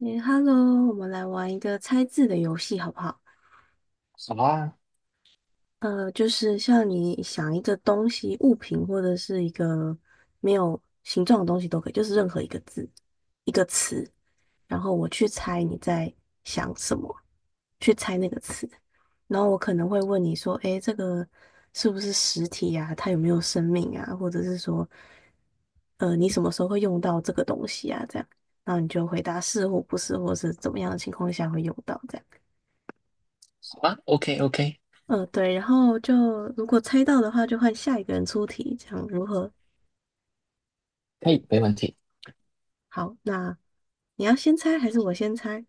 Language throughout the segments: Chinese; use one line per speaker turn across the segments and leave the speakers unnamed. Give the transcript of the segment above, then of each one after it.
诶，Hello，我们来玩一个猜字的游戏，好不好？
好啊，
就是像你想一个东西、物品或者是一个没有形状的东西都可以，就是任何一个字、一个词，然后我去猜你在想什么，去猜那个词，然后我可能会问你说，诶，这个是不是实体呀？它有没有生命啊？或者是说，你什么时候会用到这个东西啊？这样，然后你就回答是或不是，或是怎么样的情况下会用到这样。
好啊，OK OK，
嗯，对，然后就如果猜到的话，就换下一个人出题，这样如何？
可以，没问题。
好，那你要先猜还是我先猜？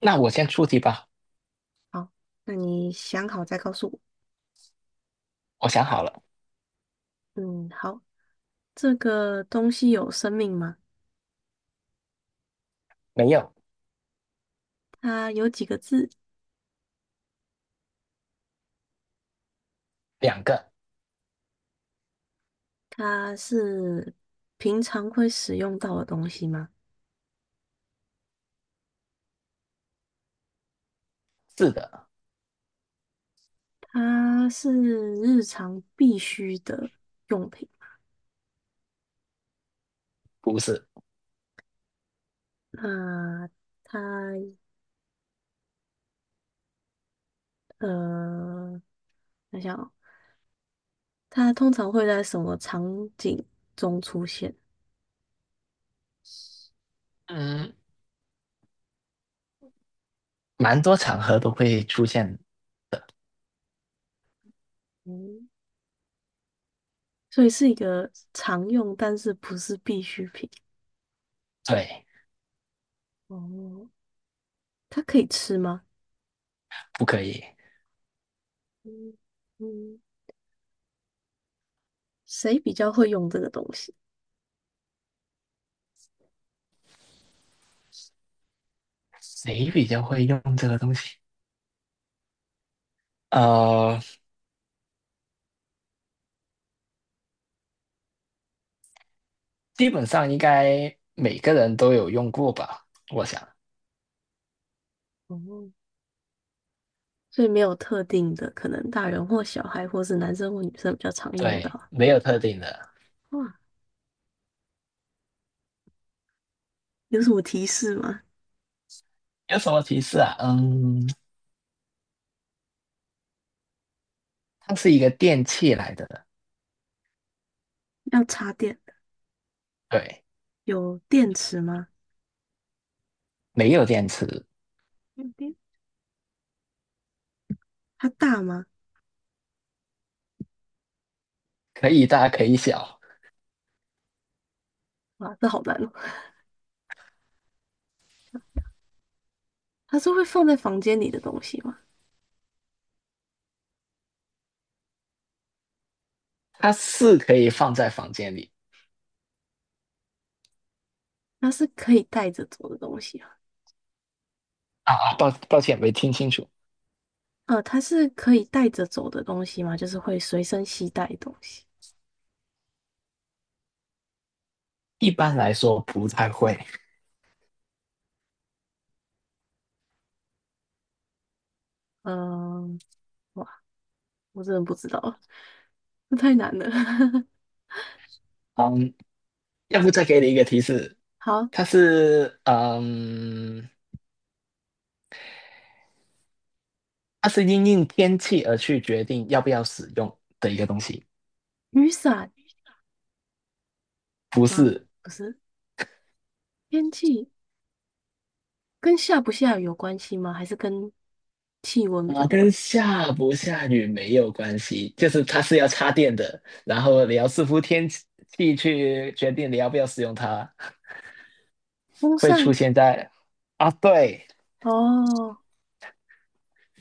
那我先出题吧，
好，那你想好再告诉我。
我想好了，
嗯，好，这个东西有生命吗？
没有，
它有几个字？
两个，
它是平常会使用到的东西吗？
是的，
它是日常必须的用品。
不是，
那它呃，想想哦，它通常会在什么场景？
嗯，蛮多场合都会出现，
嗯。所以是一个常用，但是不是必需品。
对，
哦，它可以吃吗？
不可以。
嗯嗯，谁比较会用这个东西？
谁比较会用这个东西？呃，基本上应该每个人都有用过吧，我想，
哦，所以没有特定的，可能大人或小孩，或是男生或女生比较常用到
对，
啊。
没有特定的。
哇，有什么提示吗？
有什么提示啊？嗯，它是一个电器来的，
要插电，
对，
有电池吗？
没有电池，
有电。它大吗？
可以大可以小，
哇，这好难哦。它是会放在房间里的东西吗？
它是可以放在房间里。
它是可以带着走的东西啊？
啊啊，抱歉，没听清楚。
呃，它是可以带着走的东西吗？就是会随身携带的东西。
一般来说不太会。
嗯、哇，我真的不知道，这太难了。
嗯，要不再给你一个提示，
好，
它是嗯，它是因应天气而去决定要不要使用的一个东西，
雨伞
不
吗？
是。
不是，天气跟下不下雨有关系吗？还是跟气温比
啊，
较有
跟
关系。
下不下雨没有关系，就是它是要插电的，然后你要视乎天气去决定你要不要使用它，
风
会出
扇。
现在啊，对，
哦，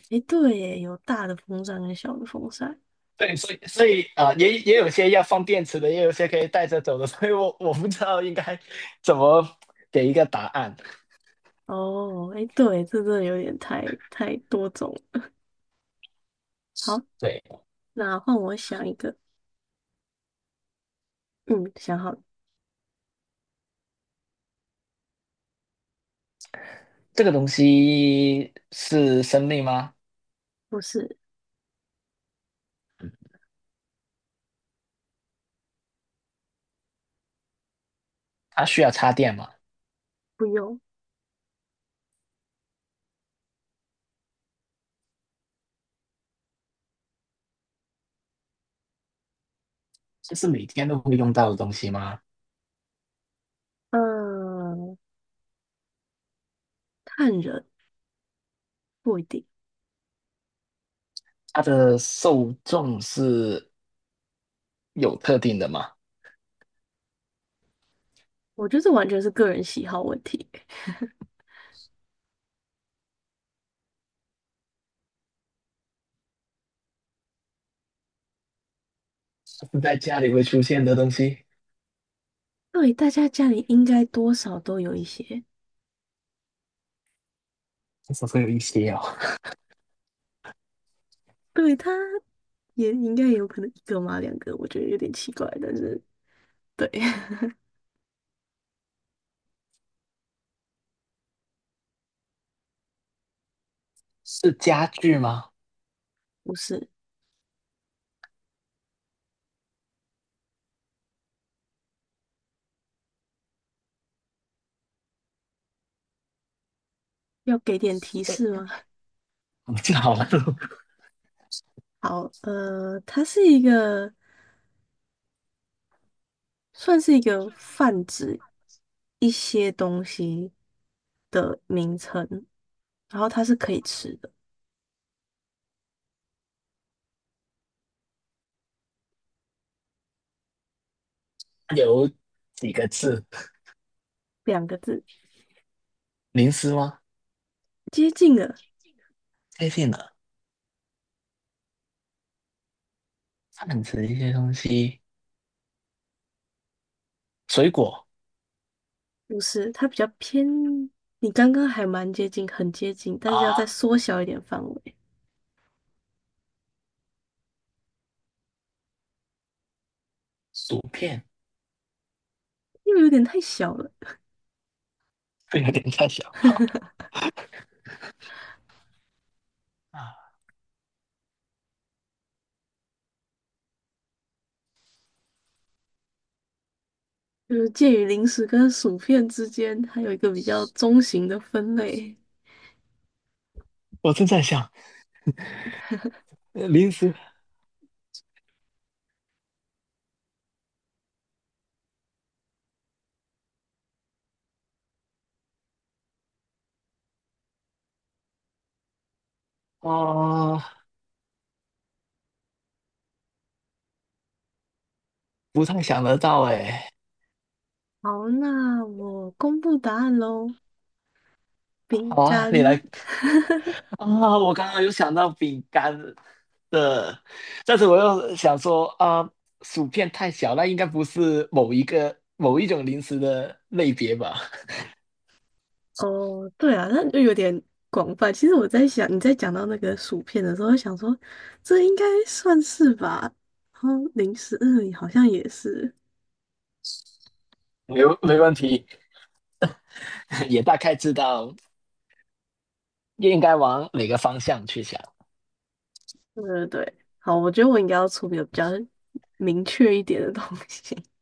诶，对耶，有大的风扇跟小的风扇。
对，所以啊、呃也也有些要放电池的，也有些可以带着走的，所以我不知道应该怎么给一个答案。
哦，诶，对，这真的有点太多种了。好，
对，
那换我想一个，嗯，想好了。
这个东西是生命吗？
不是，
它需要插电吗？
不用，
这是每天都会用到的东西吗？
嗯，看人，不一定，
它的受众是有特定的吗？
我觉得这完全是个人喜好问题。
它是在家里会出现的东西，
对，大家家里应该多少都有一些，
这是会有一些哦。
对，他也应该有可能一个嘛，两个，我觉得有点奇怪，但是对，
是家具吗？
不是，要给点提示吗？
我这好了，
好，呃，它是一个算是一个泛指一些东西的名称，然后它是可以吃的。
有几个字？
两个字，
零食吗？
接近了，
接近了，泛指一些东西。水果
不是，它比较偏。你刚刚还蛮接近，很接近，但是要再
啊，
缩小一点范围，
薯片，
因为有点太小了。
这有点太小。好啊，
就是介于零食跟薯片之间，还有一个比较中型的分类。
我正在想零食啊，不太想得到哎。
好，那我公布答案喽。饼
好啊，你
干，
来啊，我刚刚有想到饼干的，但是我又想说啊，薯片太小，那应该不是某一个某一种零食的类别吧？
哦，对啊，那就有点广泛。其实我在想，你在讲到那个薯片的时候，我想说这应该算是吧。然后零食，嗯，好像也是。
没问题，也大概知道应该往哪个方向去想。
对 对对，好，我觉得我应该要出比较明确一点的东西。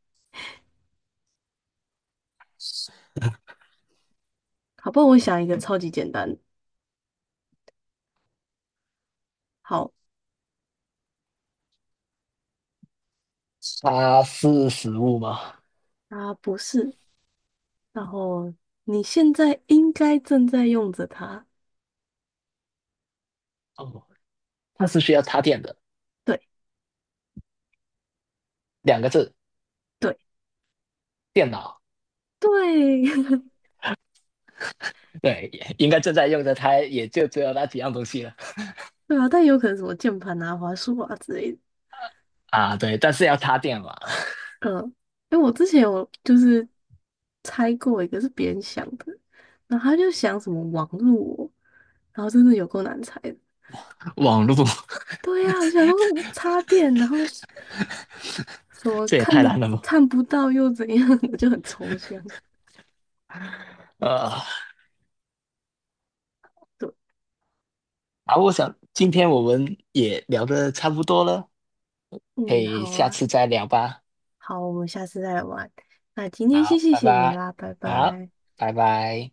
好，不然我想一个超级简单的。好，
它是食物吗？
啊，不是，然后你现在应该正在用着它。
哦，它是需要插电的。
对
两个字，
对
电脑。
对，
对，应该正在用的它也就只有那几样东西了
对啊，但有可能什么键盘啊、滑鼠啊之类的。
啊。对，但是要插电嘛，
嗯，因为我之前有就是猜过一个是别人想的，然后他就想什么网络哦，然后真的有够难猜的。
网络
对呀、我想说我插电，然后什么
这也
看
太
的
难了吧。
看不到又怎样，我就很抽象。
呃，
对，
啊，我想今天我们也聊得差不多了，可
嗯，
以
好
下
啊，
次再聊吧。
好，我们下次再来玩。那今天先
好，
谢
拜
谢你
拜。
啦，拜
好，
拜。
拜拜。